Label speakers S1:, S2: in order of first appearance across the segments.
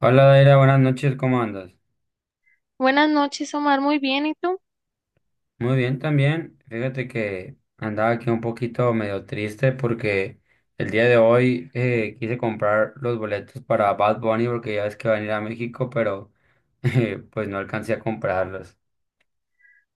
S1: Hola Daira, buenas noches, ¿cómo andas?
S2: Buenas noches, Omar. Muy bien, ¿y tú?
S1: Muy bien también. Fíjate que andaba aquí un poquito medio triste porque el día de hoy quise comprar los boletos para Bad Bunny porque ya ves que van a ir a México, pero pues no alcancé a comprarlos.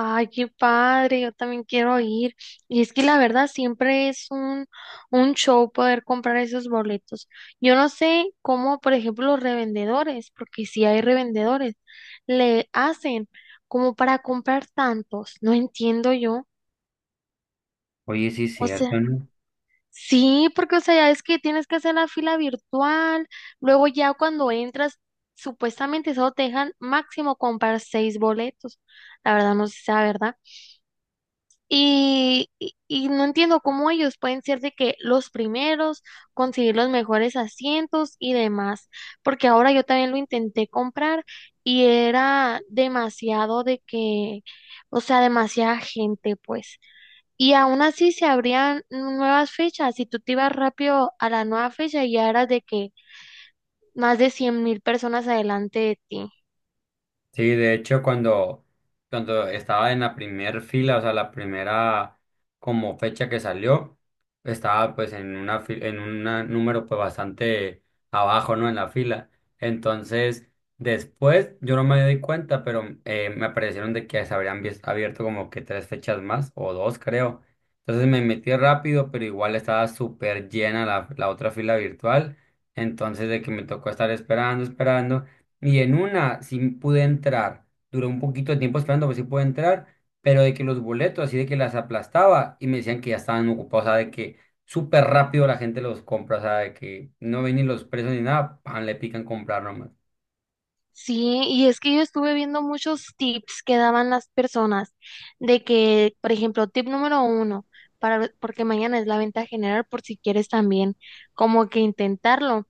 S2: Ay, qué padre, yo también quiero ir. Y es que la verdad siempre es un show poder comprar esos boletos. Yo no sé cómo, por ejemplo, los revendedores, porque si hay revendedores, le hacen como para comprar tantos. No entiendo yo.
S1: Oye, sí es
S2: O sea,
S1: cierto, ¿no?
S2: sí, porque o sea, ya es que tienes que hacer la fila virtual, luego ya cuando entras, supuestamente solo te dejan máximo comprar seis boletos. La verdad no sé si sea verdad. Y no entiendo cómo ellos pueden ser de que los primeros, conseguir los mejores asientos y demás, porque ahora yo también lo intenté comprar y era demasiado de que, o sea, demasiada gente, pues. Y aún así se abrían nuevas fechas, si tú te ibas rápido a la nueva fecha ya eras de que más de 100,000 personas adelante de ti.
S1: Sí, de hecho, cuando estaba en la primera fila, o sea, la primera como fecha que salió, estaba pues en una en un número pues bastante abajo, ¿no? En la fila. Entonces, después yo no me di cuenta, pero me aparecieron de que se habrían abierto como que tres fechas más, o dos creo. Entonces me metí rápido, pero igual estaba súper llena la otra fila virtual. Entonces, de que me tocó estar esperando, esperando. Y en una sí pude entrar. Duró un poquito de tiempo esperando, pero sí pude entrar. Pero de que los boletos, así de que las aplastaba y me decían que ya estaban ocupados. O sea, de que súper rápido la gente los compra. O sea, de que no ven ni los precios ni nada. Pan, le pican comprar nomás.
S2: Sí, y es que yo estuve viendo muchos tips que daban las personas de que, por ejemplo, tip número uno, para, porque mañana es la venta general por si quieres también como que intentarlo.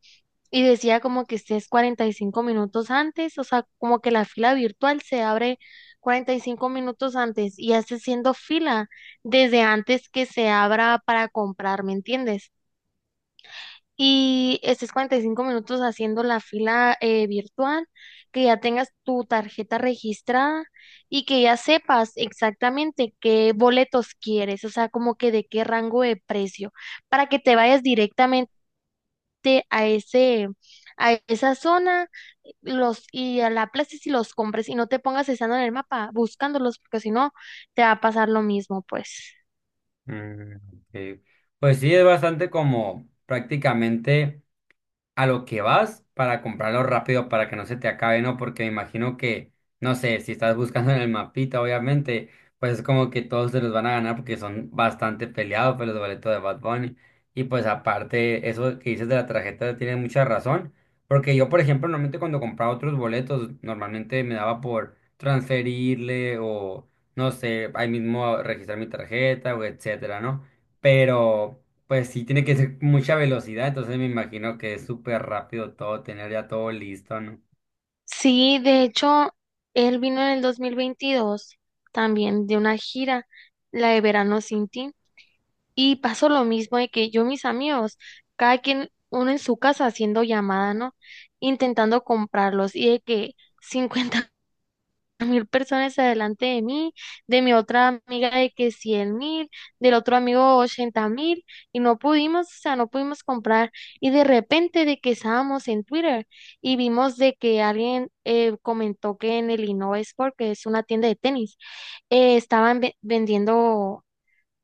S2: Y decía como que estés 45 minutos antes, o sea, como que la fila virtual se abre 45 minutos antes y haces siendo fila desde antes que se abra para comprar, ¿me entiendes? Y estés 45 minutos haciendo la fila virtual, que ya tengas tu tarjeta registrada y que ya sepas exactamente qué boletos quieres, o sea, como que de qué rango de precio, para que te vayas directamente a ese, a esa zona los, y a la plaza y los compres y no te pongas estando en el mapa buscándolos, porque si no, te va a pasar lo mismo, pues.
S1: Mm, ok. Pues sí, es bastante como prácticamente. A lo que vas para comprarlo rápido para que no se te acabe, ¿no? Porque me imagino que, no sé, si estás buscando en el mapita, obviamente, pues es como que todos se los van a ganar porque son bastante peleados pues, los boletos de Bad Bunny. Y pues aparte, eso que dices de la tarjeta tiene mucha razón, porque yo, por ejemplo, normalmente cuando compraba otros boletos, normalmente me daba por transferirle o, no sé, ahí mismo registrar mi tarjeta o etcétera, ¿no? Pero... Pues sí, tiene que ser mucha velocidad, entonces me imagino que es súper rápido todo, tener ya todo listo, ¿no?
S2: Sí, de hecho, él vino en el 2022 también de una gira, la de Verano Sin Ti, y pasó lo mismo de que yo, mis amigos, cada quien, uno en su casa haciendo llamada, ¿no? Intentando comprarlos y de que 50,000 personas adelante de mí, de mi otra amiga de que 100,000, del otro amigo 80,000, y no pudimos, o sea, no pudimos comprar. Y de repente de que estábamos en Twitter y vimos de que alguien comentó que en el Innova Sport, que es una tienda de tenis, estaban vendiendo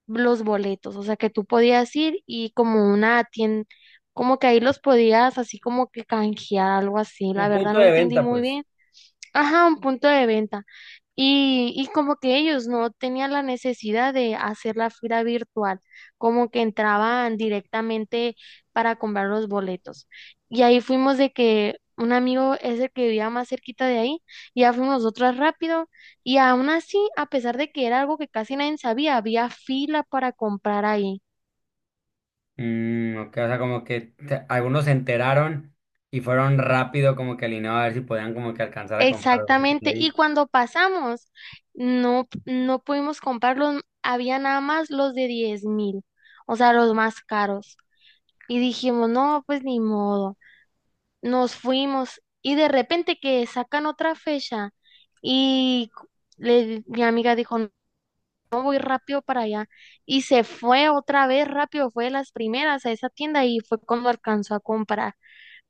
S2: los boletos, o sea, que tú podías ir y como una tienda, como que ahí los podías así como que canjear, algo así. La
S1: Un
S2: verdad
S1: punto
S2: no
S1: de
S2: entendí
S1: venta,
S2: muy
S1: pues.
S2: bien. Ajá, un punto de venta. Y como que ellos no tenían la necesidad de hacer la fila virtual, como que entraban directamente para comprar los boletos. Y ahí fuimos de que un amigo es el que vivía más cerquita de ahí, y ya fuimos nosotras rápido. Y aún así, a pesar de que era algo que casi nadie sabía, había fila para comprar ahí.
S1: Mm, ok, o sea, como que algunos se enteraron y fueron rápido como que alineados a ver si podían como que alcanzar a comprar boletos
S2: Exactamente, y
S1: ahí.
S2: cuando pasamos, no, no pudimos comprarlos, había nada más los de 10,000, o sea, los más caros. Y dijimos, no, pues ni modo. Nos fuimos y de repente que sacan otra fecha y mi amiga dijo, no, voy rápido para allá. Y se fue otra vez rápido, fue de las primeras a esa tienda y fue cuando alcanzó a comprar.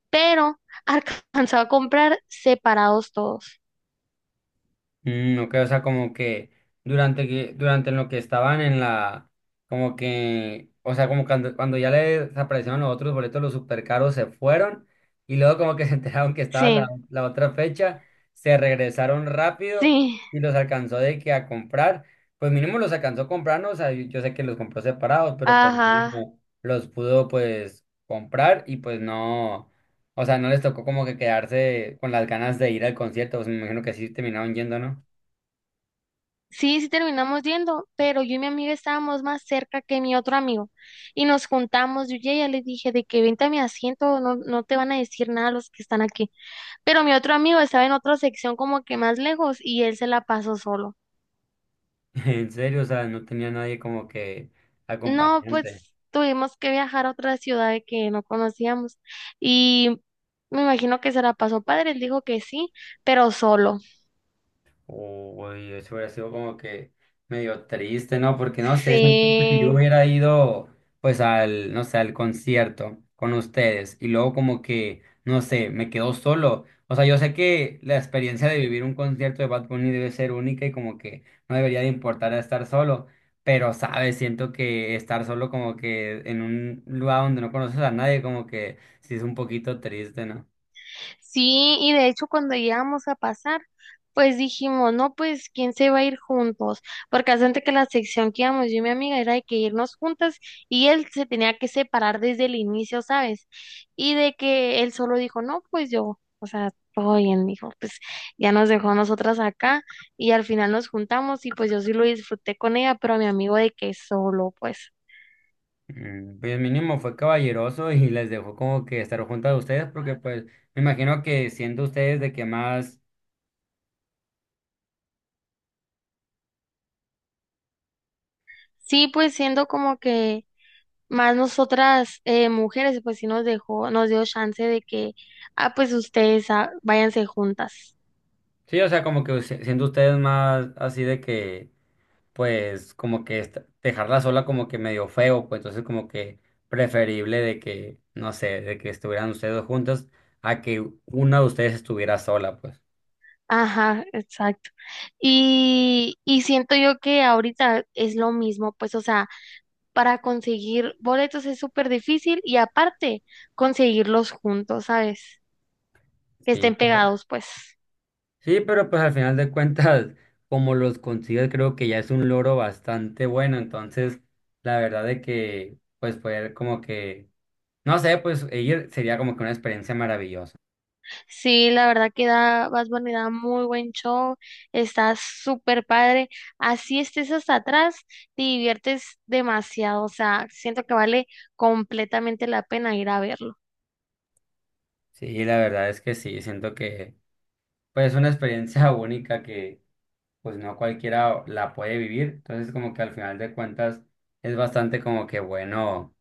S2: Pero alcanzó a comprar separados todos.
S1: Mm, ok, o sea, como que durante en lo que estaban en la, como que, o sea, como cuando ya les desaparecieron los otros boletos, los super caros se fueron y luego como que se enteraron que estaba la,
S2: Sí,
S1: la otra fecha, se regresaron rápido
S2: sí.
S1: y los alcanzó de que a comprar, pues mínimo los alcanzó a comprar, ¿no? O sea, yo sé que los compró separados, pero pues
S2: Ajá,
S1: mínimo los pudo pues comprar y pues no, o sea, no les tocó como que quedarse con las ganas de ir al concierto, pues me imagino que así terminaron yendo, ¿no?
S2: sí, sí terminamos yendo, pero yo y mi amiga estábamos más cerca que mi otro amigo y nos juntamos, yo ya le dije de que vente a mi asiento, no, no te van a decir nada los que están aquí, pero mi otro amigo estaba en otra sección como que más lejos y él se la pasó solo.
S1: En serio, o sea, no tenía nadie como que
S2: No,
S1: acompañante.
S2: pues tuvimos que viajar a otra ciudad que no conocíamos y me imagino que se la pasó padre, él dijo que sí, pero solo.
S1: Uy, eso hubiera sido como que medio triste, ¿no? Porque no sé, siento que si yo
S2: Sí.
S1: hubiera ido, pues al, no sé, al concierto con ustedes y luego como que, no sé, me quedo solo. O sea, yo sé que la experiencia de vivir un concierto de Bad Bunny debe ser única y como que no debería de importar estar solo. Pero, ¿sabes? Siento que estar solo como que en un lugar donde no conoces a nadie, como que sí es un poquito triste, ¿no?
S2: Sí, y de hecho cuando llegamos a pasar, pues dijimos, no, pues, ¿quién se va a ir juntos? Porque hace antes que la sección que íbamos yo y mi amiga era de que irnos juntas y él se tenía que separar desde el inicio, ¿sabes? Y de que él solo dijo, no, pues yo, o sea, todo bien, dijo, pues ya nos dejó a nosotras acá y al final nos juntamos y pues yo sí lo disfruté con ella, pero a mi amigo de que solo, pues.
S1: Mm, pues mínimo fue caballeroso y les dejó como que estar juntas a ustedes porque pues me imagino que siendo ustedes de que más,
S2: Sí, pues siendo como que más nosotras mujeres, pues sí nos dejó, nos dio chance de que, ah, pues ustedes ah, váyanse juntas.
S1: sí, o sea, como que siendo ustedes más así de que pues como que dejarla sola como que medio feo, pues entonces como que preferible de que, no sé, de que estuvieran ustedes dos juntas a que una de ustedes estuviera sola, pues.
S2: Ajá, exacto. Y siento yo que ahorita es lo mismo, pues, o sea, para conseguir boletos es súper difícil y aparte conseguirlos juntos, ¿sabes? Que estén
S1: Sí.
S2: pegados, pues.
S1: Sí, pero pues al final de cuentas, como los consigues, creo que ya es un logro bastante bueno. Entonces, la verdad de que, pues poder como que, no sé, pues ir sería como que una experiencia maravillosa.
S2: Sí, la verdad que da, Bad Bunny da muy buen show, está súper padre. Así estés hasta atrás, te diviertes demasiado, o sea, siento que vale completamente la pena ir a verlo.
S1: Sí, la verdad es que sí, siento que, pues es una experiencia única que, pues no cualquiera la puede vivir. Entonces, como que al final de cuentas, es bastante como que bueno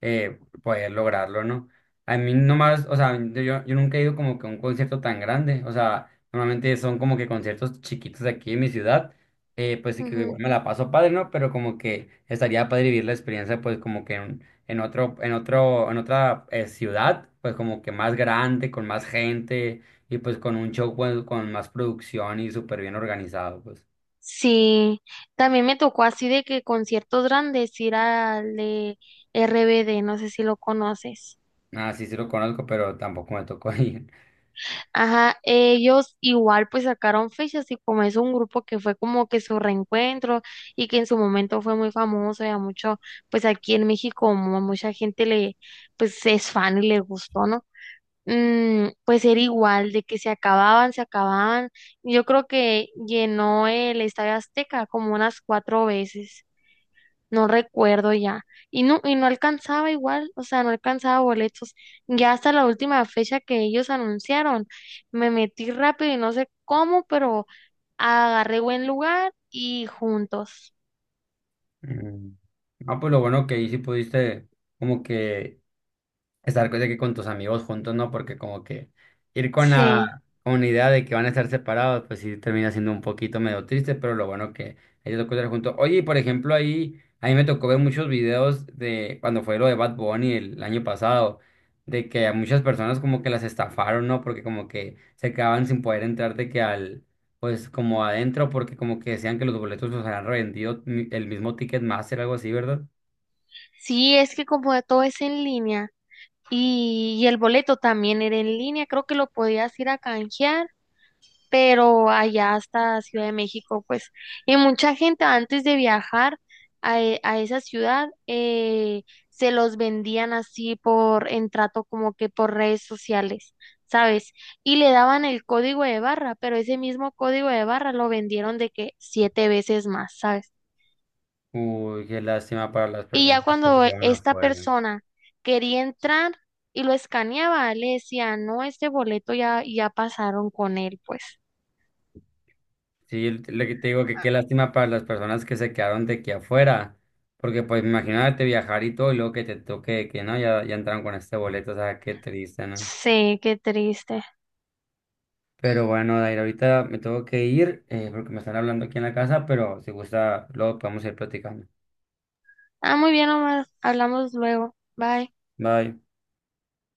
S1: poder lograrlo, ¿no? A mí nomás, o sea, yo nunca he ido como que a un concierto tan grande, o sea, normalmente son como que conciertos chiquitos aquí en mi ciudad, pues sí que
S2: Ujú.
S1: igual me la paso padre, ¿no? Pero como que estaría padre vivir la experiencia, pues como que en otro, en otro, en otra ciudad, pues como que más grande, con más gente y pues con un show pues, con más producción y súper bien organizado, pues.
S2: Sí, también me tocó así de que conciertos grandes ir al de RBD, no sé si lo conoces.
S1: Ah, sí, sí lo conozco, pero tampoco me tocó ir.
S2: Ajá, ellos igual pues sacaron fechas y como es un grupo que fue como que su reencuentro y que en su momento fue muy famoso y a mucho, pues aquí en México como a mucha gente le, pues es fan y le gustó, ¿no? Mm, pues era igual de que se acababan, se acababan. Yo creo que llenó el Estadio Azteca como unas cuatro veces, no recuerdo ya. Y no alcanzaba igual, o sea, no alcanzaba boletos. Ya hasta la última fecha que ellos anunciaron, me metí rápido y no sé cómo, pero agarré buen lugar y juntos.
S1: Mm. Ah pues lo bueno que ahí sí pudiste como que estar de que con tus amigos juntos, ¿no? Porque como que ir con
S2: Sí,
S1: con la idea de que van a estar separados, pues sí termina siendo un poquito medio triste, pero lo bueno que ellos lo estar juntos. Oye, y por ejemplo, ahí, a mí me tocó ver muchos videos de cuando fue lo de Bad Bunny el año pasado, de que a muchas personas como que las estafaron, ¿no? Porque como que se quedaban sin poder entrar de que al... Pues como adentro, porque como que decían que los boletos los habían revendido el mismo Ticketmaster, algo así, ¿verdad?
S2: sí, es que como de todo es en línea y el boleto también era en línea, creo que lo podías ir a canjear, pero allá hasta Ciudad de México, pues, y mucha gente antes de viajar a esa ciudad se los vendían así por en trato como que por redes sociales, ¿sabes? Y le daban el código de barra, pero ese mismo código de barra lo vendieron de que siete veces más, ¿sabes?
S1: Uy, qué lástima para las
S2: Y
S1: personas
S2: ya
S1: que se
S2: cuando
S1: quedaron
S2: esta
S1: afuera.
S2: persona quería entrar y lo escaneaba, le decía, no, este boleto ya pasaron con él, pues.
S1: Sí, lo que te digo que qué lástima para las personas que se quedaron de aquí afuera, porque pues imagínate viajar y todo y luego que te toque que no, ya, ya entraron con este boleto, o sea, qué triste, ¿no?
S2: Sí, qué triste.
S1: Pero bueno, Dair, ahorita me tengo que ir porque me están hablando aquí en la casa, pero si gusta, luego podemos ir platicando.
S2: Ah, muy bien, Omar. Hablamos luego. Bye.
S1: Bye.